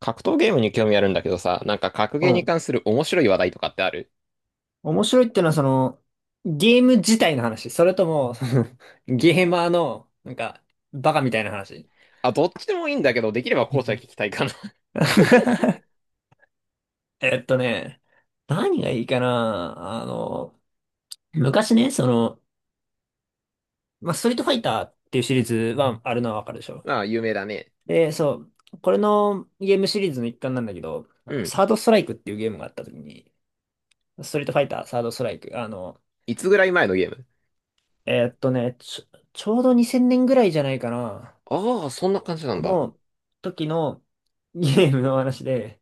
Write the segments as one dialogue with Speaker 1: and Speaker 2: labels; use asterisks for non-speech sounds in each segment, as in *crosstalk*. Speaker 1: 格闘ゲームに興味あるんだけどさ、なんか格
Speaker 2: う
Speaker 1: ゲーに
Speaker 2: ん。
Speaker 1: 関する面白い話題とかってある？
Speaker 2: 面白いってのは、その、ゲーム自体の話。それとも、*laughs* そのゲーマーの、なんか、バカみたいな話。
Speaker 1: あ、どっちでもいいんだけど、できれば
Speaker 2: う
Speaker 1: 後者
Speaker 2: ん
Speaker 1: 聞きたいかな。
Speaker 2: *laughs* えっとね、何がいいかな。昔ね、まあ、ストリートファイターっていうシリーズはあるのはわかるでし
Speaker 1: *laughs*
Speaker 2: ょ。
Speaker 1: ああ、有名だね。
Speaker 2: で、そう、これのゲームシリーズの一環なんだけど、
Speaker 1: うん。
Speaker 2: サードストライクっていうゲームがあった時に、ストリートファイター、サードストライク、
Speaker 1: いつぐらい前のゲーム？
Speaker 2: ちょうど2000年ぐらいじゃないかな。
Speaker 1: ああ、そんな感じなんだ。
Speaker 2: の時のゲームの話で、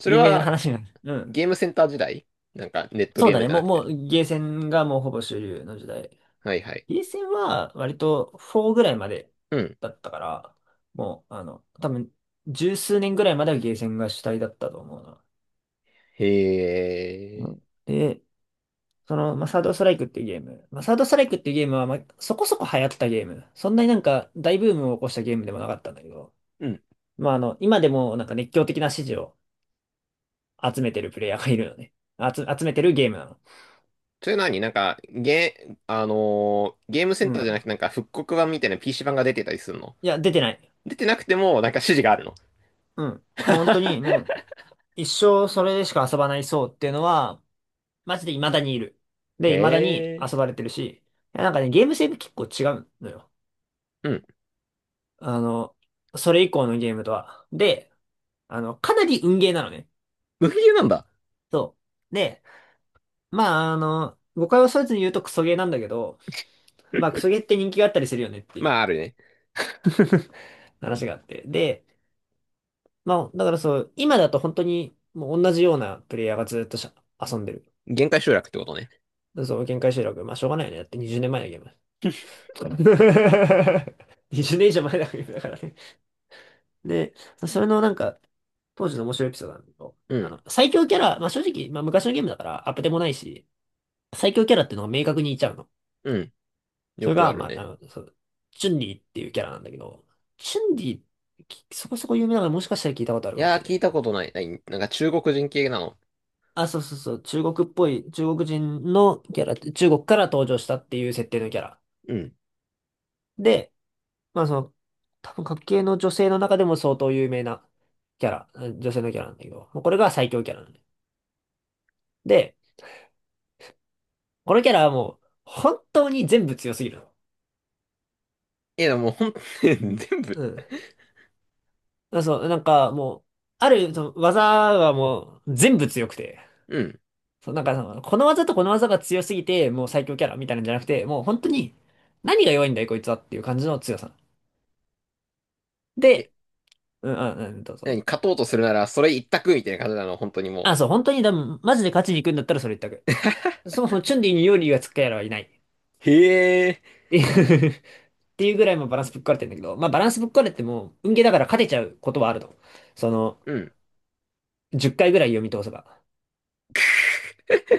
Speaker 1: それ
Speaker 2: 有名な
Speaker 1: は、
Speaker 2: 話なんです。うん。
Speaker 1: ゲームセンター時代、なんか、ネット
Speaker 2: そう
Speaker 1: ゲー
Speaker 2: だ
Speaker 1: ム
Speaker 2: ね。
Speaker 1: じゃ
Speaker 2: も
Speaker 1: な
Speaker 2: う、
Speaker 1: く
Speaker 2: も
Speaker 1: て。
Speaker 2: う、ゲーセンがもうほぼ主流の時代。
Speaker 1: はいはい。
Speaker 2: ゲーセンは割と4ぐらいまで
Speaker 1: うん。
Speaker 2: だったから、もう、多分、十数年ぐらいまではゲーセンが主体だったと思うな。
Speaker 1: へ
Speaker 2: う
Speaker 1: え。
Speaker 2: ん。で、まあ、サードストライクっていうゲーム。まあ、サードストライクっていうゲームは、まあ、そこそこ流行ったゲーム。そんなになんか大ブームを起こしたゲームでもなかったんだけど、
Speaker 1: うん。
Speaker 2: まあ、今でもなんか熱狂的な支持を集めてるプレイヤーがいるのね。集めてるゲームなの。
Speaker 1: それ何、なんか、あのーゲームセン
Speaker 2: う
Speaker 1: ターじゃ
Speaker 2: ん。
Speaker 1: なくて、なんか、復刻版みたいな PC 版が出てたりするの？
Speaker 2: いや、出てない。
Speaker 1: 出てなくても、なんか指示があるの？
Speaker 2: うん。もう本当に、もう、一生それでしか遊ばない層っていうのは、マジで未だにいる。
Speaker 1: へ
Speaker 2: で、未だに
Speaker 1: え。
Speaker 2: 遊ばれてるし、いやなんかね、ゲーム性って結構違うのよ。
Speaker 1: うん。
Speaker 2: あの、それ以降のゲームとは。で、かなり運ゲーなのね。
Speaker 1: 無理なんだ。
Speaker 2: そう。で、まあ、誤解を恐れずに言うとクソゲーなんだけど、まあ、クソゲーって人気があったりするよねってい
Speaker 1: ま
Speaker 2: う
Speaker 1: あ、あるね。
Speaker 2: *laughs* 話があって。で、まあ、だからそう、今だと本当にもう同じようなプレイヤーがずっと遊んでる。
Speaker 1: 限界集落ってことね。
Speaker 2: そう、限界集落。まあ、しょうがないよね。だって20年前のゲーム。*laughs* 20年以上前のゲームだからね。で、それのなんか、当時の面白いエピソードなんだけど、
Speaker 1: うん。
Speaker 2: 最強キャラ、まあ正直、まあ昔のゲームだからアップでもないし、最強キャラっていうのが明確にいちゃうの。
Speaker 1: うん。
Speaker 2: そ
Speaker 1: よ
Speaker 2: れ
Speaker 1: く
Speaker 2: が、
Speaker 1: ある
Speaker 2: まあ、
Speaker 1: ね。
Speaker 2: そう、チュンリーっていうキャラなんだけど、チュンリー、そこそこ有名だからもしかしたら聞いたことある
Speaker 1: い
Speaker 2: かも
Speaker 1: や
Speaker 2: し
Speaker 1: ー、
Speaker 2: れ
Speaker 1: 聞
Speaker 2: な
Speaker 1: い
Speaker 2: い。
Speaker 1: たことない。ない、なんか中国人系なの？
Speaker 2: あ、そうそうそう、中国っぽい、中国人のキャラ中国から登場したっていう設定のキャラ。
Speaker 1: うん。
Speaker 2: で、まあその、多分、各系の女性の中でも相当有名なキャラ、うん女性のキャラなんだけど、もうこれが最強キャラなんで。で、このキャラはもう、本当に全部強すぎるの。
Speaker 1: いや、でもほん、*laughs* 全部。
Speaker 2: うん。まあそう、なんかもう、ある、その技はもう、全部強くて、
Speaker 1: うん。
Speaker 2: そう、なんかその、この技とこの技が強すぎて、もう最強キャラみたいなんじゃなくて、もう本当に、何が弱いんだい、こいつはっていう感じの強さ。
Speaker 1: え、
Speaker 2: でどう
Speaker 1: 何、
Speaker 2: ぞ。
Speaker 1: 勝とうとするなら、それ一択みたいな感じなの、本当にも
Speaker 2: あ、そう、本当に、でも、マジで勝ちに行くんだったらそれ一択。そもそもチュンリーにヨリーがつくやらはいない。っ
Speaker 1: う。へえ。
Speaker 2: ていう *laughs* っていうぐらいもバランスぶっ壊れてんだけど、まあバランスぶっ壊れても、運ゲーだから勝てちゃうことはあると。その、
Speaker 1: うん。
Speaker 2: 10回ぐらい読み通せば。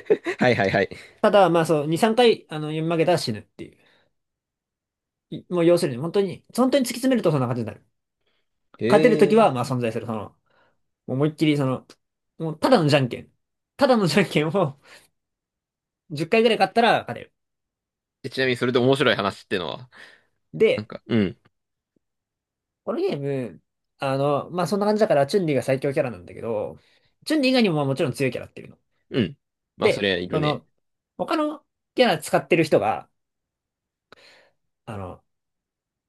Speaker 1: *laughs* はいはいはい。
Speaker 2: ただ、まあそう、2、3回、読み負けたら死ぬっていう。もう要するに、本当に、本当に突き詰めるとそんな感じになる。
Speaker 1: へ
Speaker 2: 勝てるとき
Speaker 1: え。
Speaker 2: は、まあ存在する。その、もう思いっきり、その、もうただのじゃんけん。ただのじゃんけんを10回ぐらい勝ったら勝てる。
Speaker 1: え、ちなみに、それで面白い話ってのは、なん
Speaker 2: で、
Speaker 1: か、うん。
Speaker 2: このゲーム、そんな感じだから、チュンリーが最強キャラなんだけど、チュンリー以外にもまあもちろん強いキャラっていうの。
Speaker 1: うん。まあ、そ
Speaker 2: で、
Speaker 1: れはいる
Speaker 2: そ
Speaker 1: ね。
Speaker 2: の、他のキャラ使ってる人が、あの、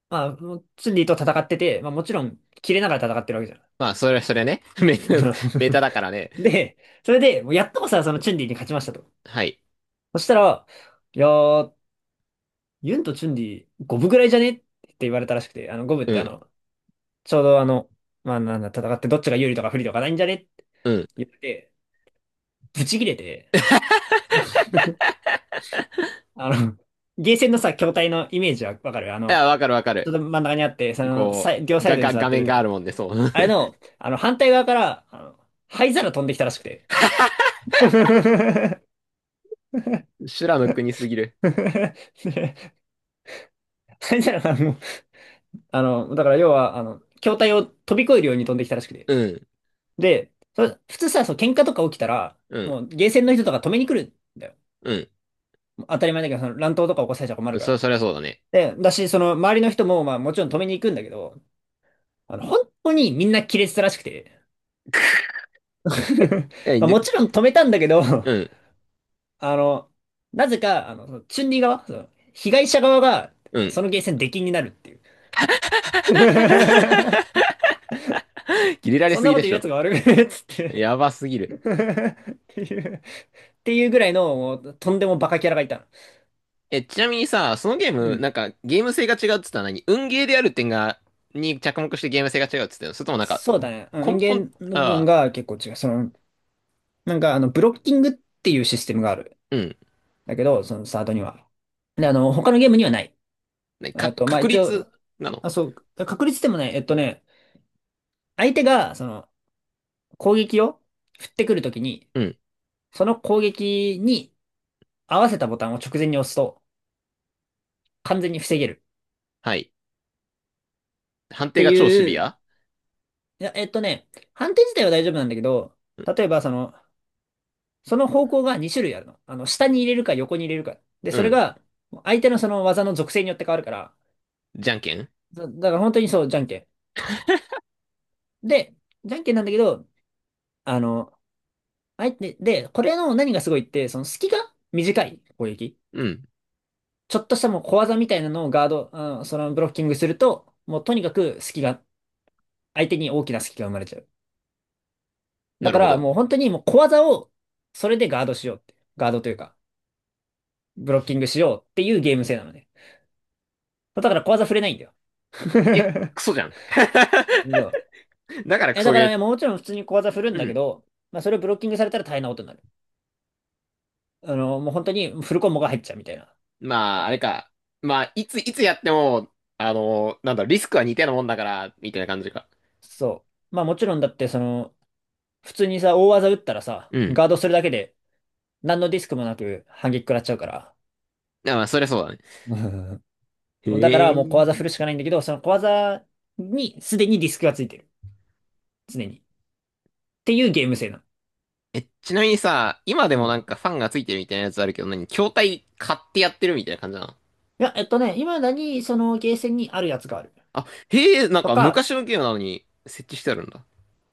Speaker 2: まあ、チュンリーと戦ってて、まあ、もちろん、切れながら戦ってるわけじゃ
Speaker 1: まあ、それは、それはね。*laughs*
Speaker 2: ん。その
Speaker 1: メタだからね。
Speaker 2: *laughs* で、それで、もうやっとこさ、そのチュンリーに勝ちましたと。
Speaker 1: はい。
Speaker 2: そしたら、いやー、ユンとチュンリー、五分ぐらいじゃねって言われたらしくて、五分っ
Speaker 1: う
Speaker 2: てあ
Speaker 1: ん。
Speaker 2: の、ちょうどあの、まあ、なんだ、戦ってどっちが有利とか不利とかないんじゃねって
Speaker 1: うん。い
Speaker 2: 言って、ブチ切れて、あうの、ん。ゲーセンのさ、筐体のイメージはわかる
Speaker 1: や、わかるわか
Speaker 2: ちょっ
Speaker 1: る。
Speaker 2: と真ん中にあって、その、
Speaker 1: こ
Speaker 2: 両
Speaker 1: う、
Speaker 2: サイドに座
Speaker 1: 画
Speaker 2: ってる
Speaker 1: 面
Speaker 2: って
Speaker 1: が
Speaker 2: 感
Speaker 1: ある
Speaker 2: じ。
Speaker 1: もんで、そう。
Speaker 2: あれの、反対側から、灰皿飛んできたらしくて。*laughs* 灰
Speaker 1: *laughs* 修羅の国すぎる。
Speaker 2: 皿がもう、だから要は、筐体を飛び越えるように飛んできたらしくて。
Speaker 1: うん、
Speaker 2: で、普通さ、そう、喧嘩とか起きたら、
Speaker 1: うん、
Speaker 2: もう、ゲーセンの人とか止めに来るんだよ。
Speaker 1: うん。
Speaker 2: 当たり前だけど、その乱闘とか起こされちゃ困るから。
Speaker 1: そりゃそうだね。
Speaker 2: で、だし、その、周りの人も、まあ、もちろん止めに行くんだけど、本当にみんな亀裂したらしくて。*laughs*
Speaker 1: え、
Speaker 2: まあ、
Speaker 1: で、
Speaker 2: もちろん止めたんだけど、
Speaker 1: うん、
Speaker 2: *laughs* あの、なぜか、そのチュンリー側、その被害者側が、
Speaker 1: うん。
Speaker 2: そのゲーセン出禁になるっていう。*laughs*
Speaker 1: *laughs* 切れられ
Speaker 2: そん
Speaker 1: す
Speaker 2: な
Speaker 1: ぎ
Speaker 2: こ
Speaker 1: で
Speaker 2: と言
Speaker 1: し
Speaker 2: うや
Speaker 1: ょ。
Speaker 2: つが悪いっつって
Speaker 1: やばすぎ
Speaker 2: *laughs*
Speaker 1: る。
Speaker 2: っていうぐらいの、もう、とんでもバカキャラがいたの。
Speaker 1: え、ちなみにさ、そのゲー
Speaker 2: う
Speaker 1: ム、な
Speaker 2: ん。
Speaker 1: んか、ゲーム性が違うっつったのは何、運ゲーである点が、に着目してゲーム性が違うっつったの、それともなんか、
Speaker 2: そうだね。うん音
Speaker 1: 根本、
Speaker 2: 源の部分
Speaker 1: ああ、
Speaker 2: が結構違う。その、なんか、ブロッキングっていうシステムがある。
Speaker 1: うん。
Speaker 2: だけど、そのサードには。で、他のゲームにはない。
Speaker 1: ね
Speaker 2: あ
Speaker 1: か、
Speaker 2: と、まあ、
Speaker 1: 確
Speaker 2: 一
Speaker 1: 率
Speaker 2: 応、
Speaker 1: なの？
Speaker 2: あ、そう、確率でもね、相手が、その、攻撃を振ってくるときに、
Speaker 1: うん。
Speaker 2: その攻撃に合わせたボタンを直前に押すと完全に防げる
Speaker 1: はい。判
Speaker 2: っ
Speaker 1: 定
Speaker 2: て
Speaker 1: が超シ
Speaker 2: い
Speaker 1: ビ
Speaker 2: う、
Speaker 1: ア？
Speaker 2: いや、判定自体は大丈夫なんだけど、例えばその、その方向が2種類あるの。あの、下に入れるか横に入れるか。で、
Speaker 1: う
Speaker 2: それ
Speaker 1: ん。
Speaker 2: が相手のその技の属性によって変わるから、
Speaker 1: じゃんけん？
Speaker 2: だから本当にそう、じゃんけん。で、じゃんけんなんだけど、あの、で、これの何がすごいって、その隙が短い攻撃。
Speaker 1: うん。
Speaker 2: ちょっとしたもう小技みたいなのをガード、うん、そのブロッキングすると、もうとにかく隙が、相手に大きな隙が生まれちゃう。だ
Speaker 1: なる
Speaker 2: か
Speaker 1: ほ
Speaker 2: ら
Speaker 1: ど。
Speaker 2: もう本当にもう小技を、それでガードしようって。ガードというか、ブロッキングしようっていうゲーム性なのね。だから小技振れないんだよ。
Speaker 1: え、
Speaker 2: *laughs*
Speaker 1: クソじゃん。*laughs*
Speaker 2: そう。
Speaker 1: だからク
Speaker 2: え、
Speaker 1: ソ
Speaker 2: だか
Speaker 1: ゲ
Speaker 2: ら、
Speaker 1: ー。
Speaker 2: いや、もちろん普通に小技振るん
Speaker 1: う
Speaker 2: だけ
Speaker 1: ん。
Speaker 2: ど、まあそれをブロッキングされたら大変なことになる。もう本当にフルコンボが入っちゃうみたいな。
Speaker 1: まあ、あれか。まあ、いつやっても、あの、なんだろう、リスクは似たようなもんだから、みたいな感じか。
Speaker 2: そう。まあもちろんだってその、普通にさ、大技打ったらさ、
Speaker 1: うん。
Speaker 2: ガードするだけで、何のディスクもなく反撃食らっちゃうから。
Speaker 1: あ、まあ、そりゃそうだね。
Speaker 2: う
Speaker 1: へ
Speaker 2: んだからもう小
Speaker 1: え。
Speaker 2: 技振るしかないんだけど、その小技にすでにディスクがついてる。常に。っていうゲーム性なの。
Speaker 1: え、ちなみにさ、今で
Speaker 2: う
Speaker 1: もな
Speaker 2: ん
Speaker 1: んかファンがついてるみたいなやつあるけど、何、筐体買ってやってるみたいな感じなの？
Speaker 2: いや、今だにそのゲーセンにあるやつがある。
Speaker 1: あ、へえ、なん
Speaker 2: と
Speaker 1: か
Speaker 2: か、
Speaker 1: 昔のゲームなのに設置してあるんだ。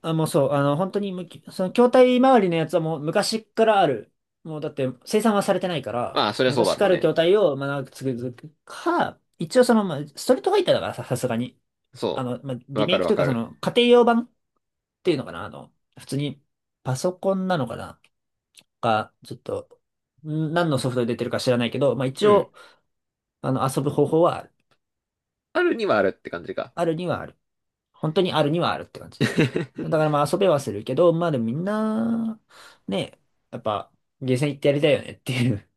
Speaker 2: あ、もうそう、あの、本当にむき、その筐体周りのやつはもう昔からある。もうだって生産はされてないか
Speaker 1: まあ、
Speaker 2: ら、
Speaker 1: そりゃそうだ
Speaker 2: 昔か
Speaker 1: ろう
Speaker 2: らある
Speaker 1: ね。
Speaker 2: 筐体をまあ長く続くか、一応その、まあ、ストリートファイターだからさ、さすがに。
Speaker 1: そ
Speaker 2: まあ、
Speaker 1: う。
Speaker 2: リ
Speaker 1: わ
Speaker 2: メ
Speaker 1: か
Speaker 2: イ
Speaker 1: る
Speaker 2: ク
Speaker 1: わ
Speaker 2: というか
Speaker 1: か
Speaker 2: そ
Speaker 1: る。
Speaker 2: の家庭用版っていうのかな、普通にパソコンなのかな。か、ちょっと、ん何のソフトで出てるか知らないけど、まあ一
Speaker 1: うん。
Speaker 2: 応、遊ぶ方法はある。
Speaker 1: あるにはあるって感じか。
Speaker 2: あるにはある。本当にあるにはあるって感じ。だか
Speaker 1: *laughs*
Speaker 2: らまあ遊べはするけど、まあでもみんな、ね、やっぱ、ゲーセン行ってやりたいよねっていう。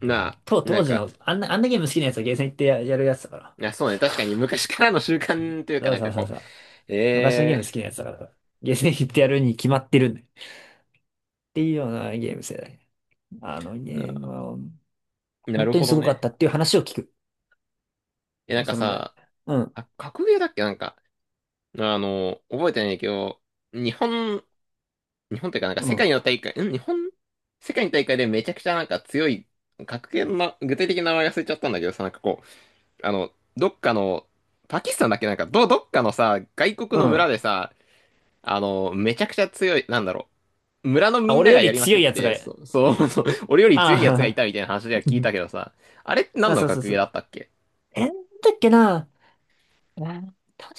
Speaker 1: な
Speaker 2: *laughs*
Speaker 1: あ、な
Speaker 2: 当
Speaker 1: ん
Speaker 2: 時
Speaker 1: か、
Speaker 2: の、あんなゲーム好きなやつはゲーセン行ってやるやつだから。
Speaker 1: いや、そうね。確かに昔からの習慣というか
Speaker 2: そう
Speaker 1: なん
Speaker 2: そ
Speaker 1: か
Speaker 2: うそう
Speaker 1: こ
Speaker 2: そう。
Speaker 1: う、
Speaker 2: 昔の
Speaker 1: え
Speaker 2: ゲーム好
Speaker 1: え。
Speaker 2: きなやつだから、ゲーセン行ってやるに決まってるんだよ。っていうようなゲーム世代。あのゲームは、
Speaker 1: な
Speaker 2: 本
Speaker 1: る
Speaker 2: 当に
Speaker 1: ほ
Speaker 2: す
Speaker 1: ど
Speaker 2: ごかっ
Speaker 1: ね。
Speaker 2: たっていう話を聞く。
Speaker 1: え、なんか
Speaker 2: そのぐらい。
Speaker 1: さ、
Speaker 2: うん、
Speaker 1: あ、格ゲーだっけ、なんか、あの、覚えてないけど、日本、日本というかなんか
Speaker 2: う
Speaker 1: 世
Speaker 2: ん、
Speaker 1: 界の大会、ん、世界の大会でめちゃくちゃなんか強い、格ゲーのな、具体的な名前忘れちゃったんだけどさ、なんかこう、あの、どっかの、パキスタンだっけ、なんか、どっかのさ、外国
Speaker 2: う
Speaker 1: の
Speaker 2: ん。
Speaker 1: 村でさ、あの、めちゃくちゃ強い、村の
Speaker 2: あ、
Speaker 1: みん
Speaker 2: 俺
Speaker 1: な
Speaker 2: よ
Speaker 1: がや
Speaker 2: り
Speaker 1: りま
Speaker 2: 強
Speaker 1: くっ
Speaker 2: いやつが、
Speaker 1: て、
Speaker 2: っ
Speaker 1: そう、*laughs*
Speaker 2: て
Speaker 1: そ
Speaker 2: い
Speaker 1: う、
Speaker 2: う。
Speaker 1: そう、俺より強いやつがい
Speaker 2: あ
Speaker 1: たみたいな話では聞いたけどさ、あれって
Speaker 2: あ、*laughs*
Speaker 1: 何
Speaker 2: あ、
Speaker 1: の
Speaker 2: そうそう
Speaker 1: 格
Speaker 2: そ
Speaker 1: ゲーだ
Speaker 2: う。
Speaker 1: ったっけ？
Speaker 2: え、なんだっけな。えー確か、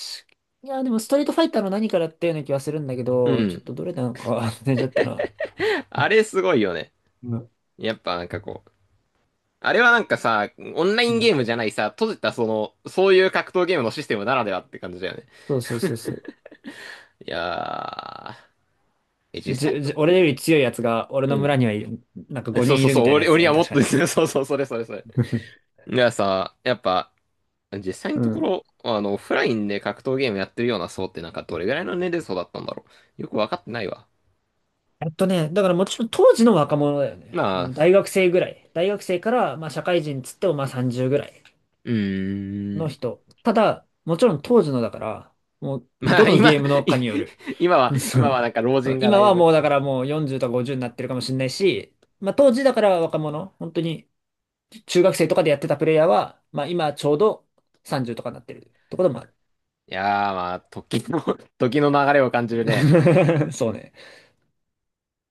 Speaker 2: いや、でもストリートファイターの何からっていうような気はするんだけ
Speaker 1: う
Speaker 2: ど、ちょっと
Speaker 1: ん。
Speaker 2: どれなのか *laughs* 忘れちゃったな。
Speaker 1: あれすごいよね。
Speaker 2: うん。
Speaker 1: やっぱなんかこう、あれはなんかさ、オンライ
Speaker 2: う
Speaker 1: ン
Speaker 2: ん
Speaker 1: ゲームじゃないさ、閉じたその、そういう格闘ゲームのシステムならではって感じだよね。
Speaker 2: そうそうそうそう。
Speaker 1: いやー、え、実際のとこ、
Speaker 2: 俺より強いやつが、俺
Speaker 1: う
Speaker 2: の村
Speaker 1: ん。
Speaker 2: にはいる、なんか
Speaker 1: *laughs* え、そ
Speaker 2: 5
Speaker 1: う
Speaker 2: 人い
Speaker 1: そう
Speaker 2: るみ
Speaker 1: そう、
Speaker 2: たいなやつだ
Speaker 1: 俺
Speaker 2: よ
Speaker 1: は
Speaker 2: ね、
Speaker 1: もっ
Speaker 2: 確か
Speaker 1: とですね、*laughs*
Speaker 2: ね。
Speaker 1: そうそう、それそれそれ。
Speaker 2: *laughs*
Speaker 1: いやさ、やっぱ、実際の
Speaker 2: う
Speaker 1: とこ
Speaker 2: ん。
Speaker 1: ろ、あの、オフラインで格闘ゲームやってるような層ってなんかどれぐらいの年齢層だったんだろう。よくわかってないわ。
Speaker 2: だからもちろん当時の若者だよね。
Speaker 1: ま
Speaker 2: あ
Speaker 1: あ、
Speaker 2: の、大学生ぐらい。大学生から、まあ社会人つってもまあ30ぐらい。
Speaker 1: うー
Speaker 2: の
Speaker 1: ん。
Speaker 2: 人。ただ、もちろん当時のだから、もう、
Speaker 1: ま
Speaker 2: ど
Speaker 1: あ、*laughs*
Speaker 2: の
Speaker 1: 今、い、
Speaker 2: ゲームのかによる。
Speaker 1: 今は、
Speaker 2: *laughs* そ
Speaker 1: 今
Speaker 2: う
Speaker 1: はなんか老人が
Speaker 2: 今
Speaker 1: だい
Speaker 2: は
Speaker 1: ぶ。
Speaker 2: もうだからもう40とか50になってるかもしれないし、まあ当時だから若者、本当に中学生とかでやってたプレイヤーは、まあ今ちょうど30とかになってるってこともあ
Speaker 1: いやー、まあ、時の、時の流れを感じるね。
Speaker 2: る。*laughs* そうね。